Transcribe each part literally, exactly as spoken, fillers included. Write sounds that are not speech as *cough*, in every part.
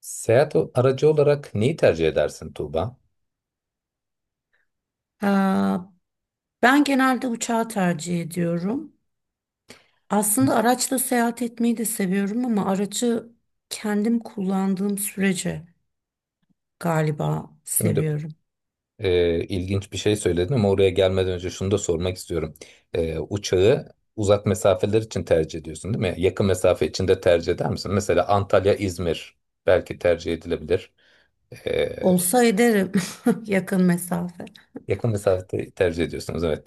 Seyahat o- aracı olarak neyi tercih edersin Tuğba? Ee, Ben genelde uçağı tercih ediyorum. Aslında araçla seyahat etmeyi de seviyorum ama aracı kendim kullandığım sürece galiba Şimdi seviyorum. e, ilginç bir şey söyledin ama oraya gelmeden önce şunu da sormak istiyorum. E, uçağı uzak mesafeler için tercih ediyorsun, değil mi? Yakın mesafe için de tercih eder misin? Mesela Antalya, İzmir belki tercih edilebilir. E, Olsa ederim *laughs* yakın mesafe. yakın mesafede tercih ediyorsunuz, evet.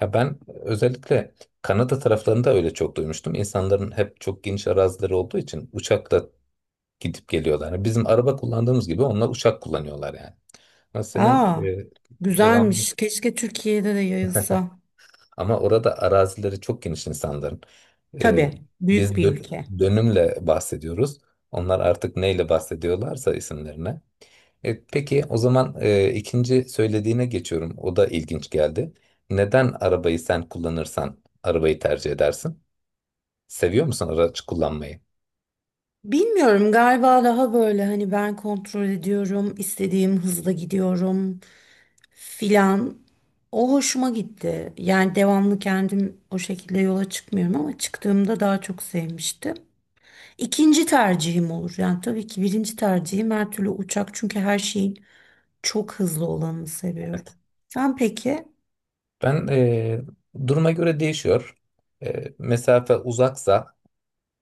Ya ben özellikle Kanada taraflarında öyle çok duymuştum. İnsanların hep çok geniş arazileri olduğu için uçakla gidip geliyorlar. Yani bizim araba kullandığımız gibi onlar uçak kullanıyorlar yani. Ama senin Aa, e, devamlı. güzelmiş. Keşke Türkiye'de de *laughs* yayılsa. Ama orada arazileri çok geniş insanların. E, Tabii, biz büyük bir dö- ülke. dönümle bahsediyoruz. Onlar artık neyle bahsediyorlarsa isimlerine. E, peki o zaman e, ikinci söylediğine geçiyorum. O da ilginç geldi. Neden arabayı sen kullanırsan arabayı tercih edersin? Seviyor musun araç kullanmayı? Bilmiyorum, galiba daha böyle hani ben kontrol ediyorum, istediğim hızla gidiyorum filan. O hoşuma gitti. Yani devamlı kendim o şekilde yola çıkmıyorum ama çıktığımda daha çok sevmiştim. İkinci tercihim olur. Yani tabii ki birinci tercihim her türlü uçak, çünkü her şeyin çok hızlı olanını seviyorum. Evet. Sen peki? Ben e, duruma göre değişiyor. E, mesafe uzaksa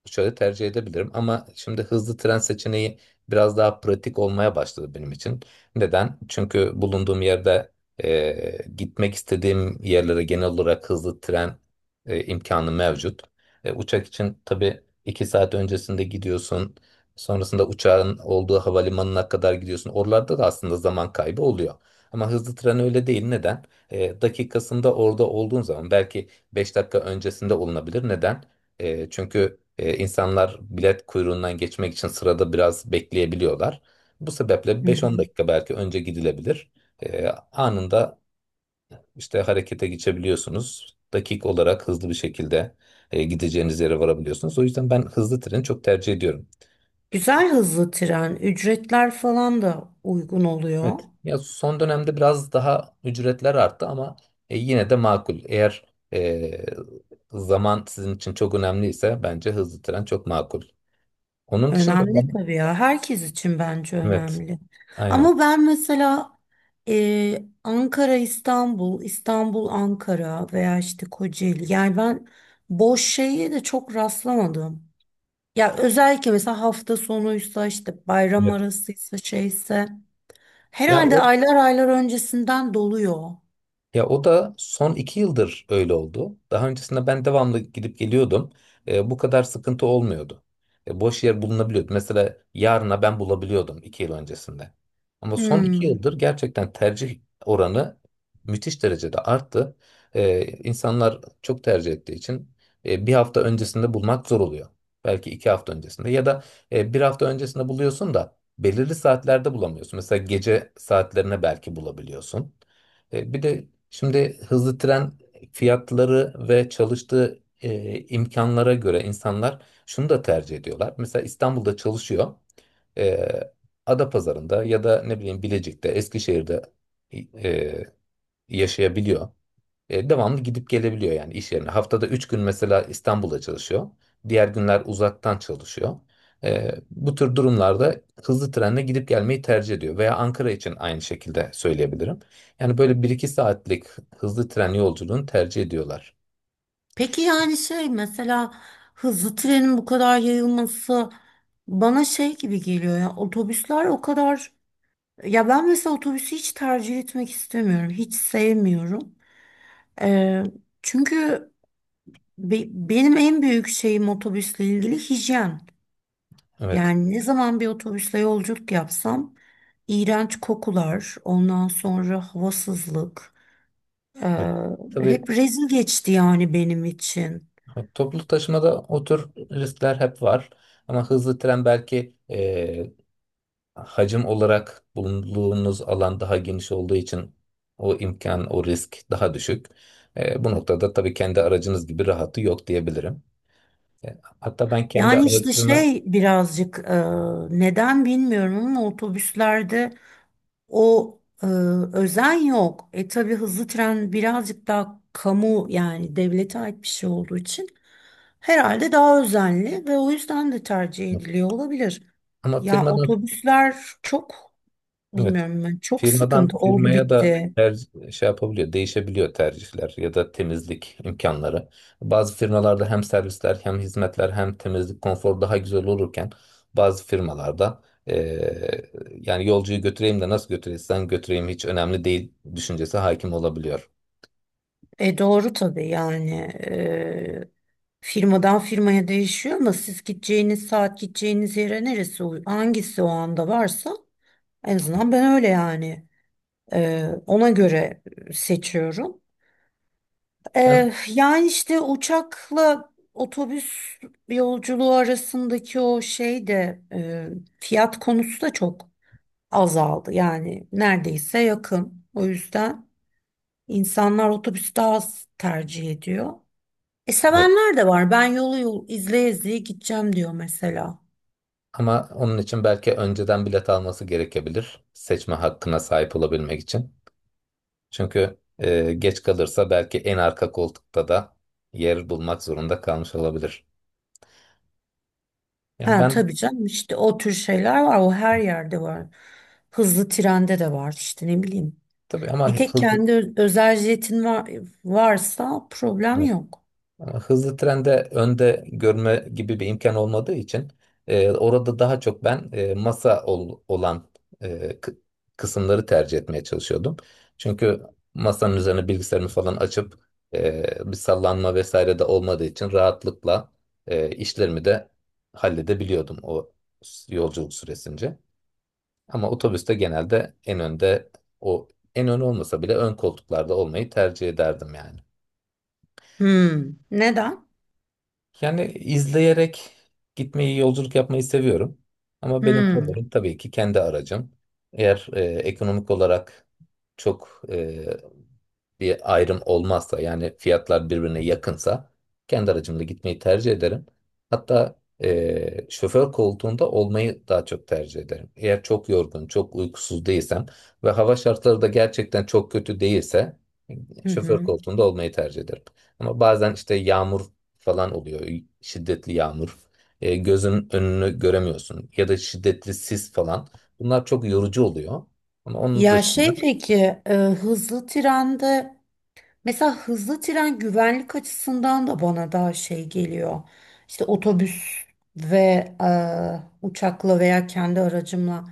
şöyle tercih edebilirim ama şimdi hızlı tren seçeneği biraz daha pratik olmaya başladı benim için. Neden? Çünkü bulunduğum yerde e, gitmek istediğim yerlere genel olarak hızlı tren e, imkanı mevcut. E, uçak için tabii iki saat öncesinde gidiyorsun. Sonrasında uçağın olduğu havalimanına kadar gidiyorsun. Oralarda da aslında zaman kaybı oluyor. Ama hızlı tren öyle değil. Neden? E, dakikasında orada olduğun zaman belki beş dakika öncesinde olunabilir. Neden? E, çünkü e, insanlar bilet kuyruğundan geçmek için sırada biraz bekleyebiliyorlar. Bu sebeple Hı beş on hı. dakika belki önce gidilebilir. E, anında işte harekete geçebiliyorsunuz. Dakik olarak hızlı bir şekilde e, gideceğiniz yere varabiliyorsunuz. O yüzden ben hızlı treni çok tercih ediyorum. Güzel hızlı tren, ücretler falan da uygun oluyor. Evet. Ya son dönemde biraz daha ücretler arttı ama e, yine de makul. Eğer e, zaman sizin için çok önemliyse bence hızlı tren çok makul. Onun dışında Önemli ben... tabii ya. Herkes için bence Evet. önemli. Aynen. Ama ben mesela e, Ankara, İstanbul, İstanbul, Ankara veya işte Kocaeli. Yani ben boş şeye de çok rastlamadım. Ya özellikle mesela hafta sonuysa, işte bayram Evet. arasıysa, şeyse Ya herhalde o, aylar aylar öncesinden doluyor. ya o da son iki yıldır öyle oldu. Daha öncesinde ben devamlı gidip geliyordum. E, bu kadar sıkıntı olmuyordu. E, boş yer bulunabiliyordu. Mesela yarına ben bulabiliyordum iki yıl öncesinde. Ama son iki Hmm. yıldır gerçekten tercih oranı müthiş derecede arttı. E, insanlar çok tercih ettiği için e, bir hafta öncesinde bulmak zor oluyor. Belki iki hafta öncesinde ya da e, bir hafta öncesinde buluyorsun da belirli saatlerde bulamıyorsun. Mesela gece saatlerine belki bulabiliyorsun. E, Bir de şimdi hızlı tren fiyatları ve çalıştığı e, imkanlara göre insanlar şunu da tercih ediyorlar. Mesela İstanbul'da çalışıyor. E, Adapazarı'nda ya da ne bileyim Bilecik'te, Eskişehir'de e, yaşayabiliyor. E, devamlı gidip gelebiliyor yani iş yerine. Haftada üç gün mesela İstanbul'da çalışıyor. Diğer günler uzaktan çalışıyor. E, bu tür durumlarda hızlı trenle gidip gelmeyi tercih ediyor. Veya Ankara için aynı şekilde söyleyebilirim. Yani böyle bir iki saatlik hızlı tren yolculuğunu tercih ediyorlar. Peki yani şey mesela, hızlı trenin bu kadar yayılması bana şey gibi geliyor, ya otobüsler o kadar. Ya ben mesela otobüsü hiç tercih etmek istemiyorum. Hiç sevmiyorum. Ee, Çünkü be- benim en büyük şeyim otobüsle ilgili hijyen. Evet. Yani ne zaman bir otobüsle yolculuk yapsam iğrenç kokular, ondan sonra havasızlık. ee, Evet. Tabii, Hep rezil geçti yani benim için. evet, toplu taşımada o tür riskler hep var. Ama hızlı tren belki e, hacim olarak bulunduğunuz alan daha geniş olduğu için o imkan, o risk daha düşük. E, bu noktada tabii kendi aracınız gibi rahatı yok diyebilirim. E, hatta ben kendi Yani işte aracımı, şey birazcık, ee, neden bilmiyorum ama otobüslerde o, e, özen yok. E tabii hızlı tren birazcık daha kamu, yani devlete ait bir şey olduğu için herhalde daha özenli ve o yüzden de tercih ediliyor olabilir. ama Ya firmadan, otobüsler çok, evet, bilmiyorum, ben çok firmadan sıkıntı oldu firmaya da bitti. ter- şey yapabiliyor, değişebiliyor tercihler ya da temizlik imkanları. Bazı firmalarda hem servisler hem hizmetler hem temizlik konfor daha güzel olurken bazı firmalarda eee, yani yolcuyu götüreyim de nasıl götürürsen götüreyim hiç önemli değil düşüncesi hakim olabiliyor. E doğru tabii, yani e, firmadan firmaya değişiyor, ama siz gideceğiniz saat gideceğiniz yere neresi uy- hangisi o anda varsa, en azından ben öyle yani. Ee, ona göre seçiyorum. Ben... Ee, yani işte uçakla otobüs yolculuğu arasındaki o şey de, e, fiyat konusu da çok azaldı. Yani neredeyse yakın. O yüzden insanlar otobüs daha az tercih ediyor. E Evet. sevenler de var. Ben yolu yol izleye izleye gideceğim diyor mesela. Ama onun için belki önceden bilet alması gerekebilir seçme hakkına sahip olabilmek için. Çünkü e, geç kalırsa belki en arka koltukta da yer bulmak zorunda kalmış olabilir. Yani Ha ben, tabii canım, işte o tür şeyler var. O her yerde var. Hızlı trende de var işte, ne bileyim. tabii, ama Bir tek hızlı, kendi ö- özel jetin var, varsa problem evet, yok. ama hızlı trende önde görme gibi bir imkan olmadığı için e, orada daha çok ben e, masa ol- olan e, kı- kısımları tercih etmeye çalışıyordum. Çünkü masanın üzerine bilgisayarımı falan açıp e, bir sallanma vesaire de olmadığı için rahatlıkla e, işlerimi de halledebiliyordum o s- yolculuk süresince. Ama otobüste genelde en önde, o, en ön olmasa bile ön koltuklarda olmayı tercih ederdim yani. Hmm. Neden? Yani izleyerek gitmeyi, yolculuk yapmayı seviyorum. Ama benim Hmm. favorim tabii ki kendi aracım. Eğer e, ekonomik olarak çok e, bir ayrım olmazsa yani fiyatlar birbirine yakınsa kendi aracımla gitmeyi tercih ederim. Hatta eee, şoför koltuğunda olmayı daha çok tercih ederim. Eğer çok yorgun, çok uykusuz değilsem ve hava şartları da gerçekten çok kötü değilse Hı şoför hı. koltuğunda olmayı tercih ederim. Ama bazen işte yağmur falan oluyor, şiddetli yağmur. Eee, gözün önünü göremiyorsun ya da şiddetli sis falan. Bunlar çok yorucu oluyor. Ama onun Ya dışında, şey peki, e, hızlı trende, mesela hızlı tren güvenlik açısından da bana daha şey geliyor. İşte otobüs ve e, uçakla veya kendi aracımla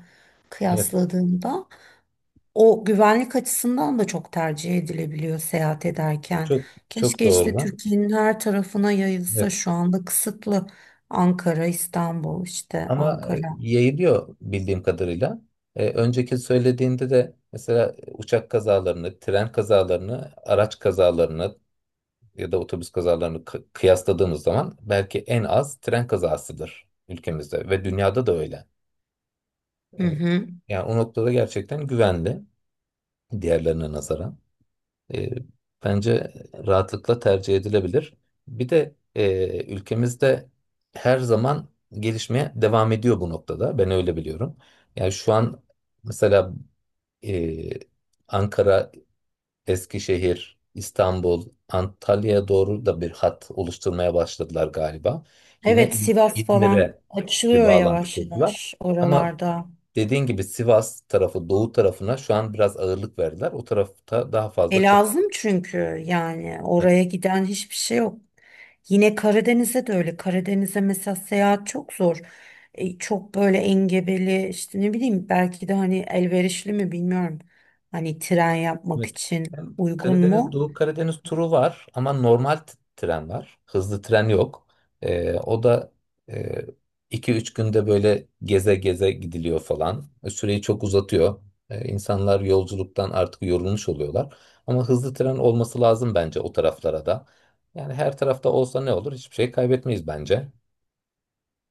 evet, kıyasladığımda. O güvenlik açısından da çok tercih edilebiliyor seyahat ederken. çok çok Keşke işte doğru. Türkiye'nin her tarafına yayılsa, Evet. şu anda kısıtlı. Ankara, İstanbul, işte Ama e, Ankara. yayılıyor bildiğim kadarıyla. E, önceki söylediğinde de mesela uçak kazalarını, tren kazalarını, araç kazalarını ya da otobüs kazalarını kı- kıyasladığımız zaman belki en az tren kazasıdır ülkemizde ve dünyada da öyle. Hı E, hı. yani o noktada gerçekten güvenli diğerlerine nazaran. E, bence rahatlıkla tercih edilebilir. Bir de e, ülkemizde her zaman gelişmeye devam ediyor bu noktada. Ben öyle biliyorum. Yani şu an mesela e, Ankara, Eskişehir, İstanbul, Antalya'ya doğru da bir hat oluşturmaya başladılar galiba. Yine Evet, İz- Sivas falan İzmir'e bir açılıyor bağlantı yavaş kurdular. yavaş Ama oralarda. dediğin gibi Sivas tarafı, Doğu tarafına şu an biraz ağırlık verdiler. O tarafta daha E fazla lazım, çalışma... çünkü yani oraya giden hiçbir şey yok. Yine Karadeniz'e de öyle. Karadeniz'e mesela seyahat çok zor. E, çok böyle engebeli, işte ne bileyim, belki de hani elverişli mi bilmiyorum. Hani tren yapmak Evet. için Hem uygun Karadeniz, mu? Doğu Karadeniz turu var ama normal t- tren var. Hızlı tren yok. Ee, o da e, iki üç günde böyle geze geze gidiliyor falan. E, Süreyi çok uzatıyor. Ee, insanlar yolculuktan artık yorulmuş oluyorlar. Ama hızlı tren olması lazım bence o taraflara da. Yani her tarafta olsa ne olur? Hiçbir şey kaybetmeyiz bence.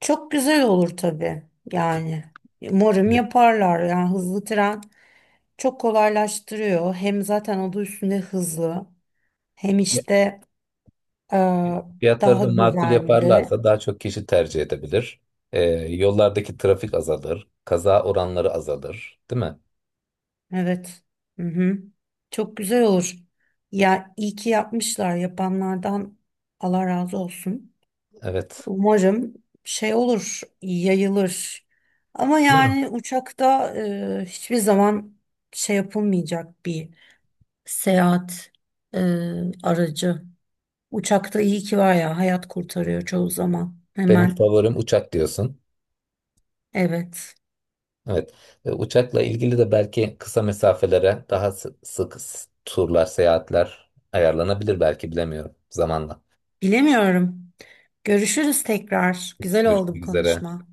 Çok güzel olur tabii yani. Umarım Evet. yaparlar, yani hızlı tren çok kolaylaştırıyor. Hem zaten adı üstünde hızlı. Hem işte, Aa, Fiyatları daha da makul güvenli. yaparlarsa daha çok kişi tercih edebilir. Ee, yollardaki trafik azalır, kaza oranları azalır, değil mi? Evet. Hı hı. Çok güzel olur. Ya iyi ki yapmışlar. Yapanlardan Allah razı olsun. Evet. Umarım şey olur, yayılır. Ama Doğru. yani uçakta e, hiçbir zaman şey yapılmayacak bir seyahat e, aracı. Uçakta iyi ki var ya, hayat kurtarıyor çoğu zaman. Benim Hemen favorim uçak diyorsun. evet. Evet. E, Uçakla ilgili de belki kısa mesafelere daha sı- sık s- turlar, seyahatler ayarlanabilir belki bilemiyorum zamanla. Bilemiyorum. Görüşürüz tekrar. Güzel oldu bu Görüşmek üzere. konuşma.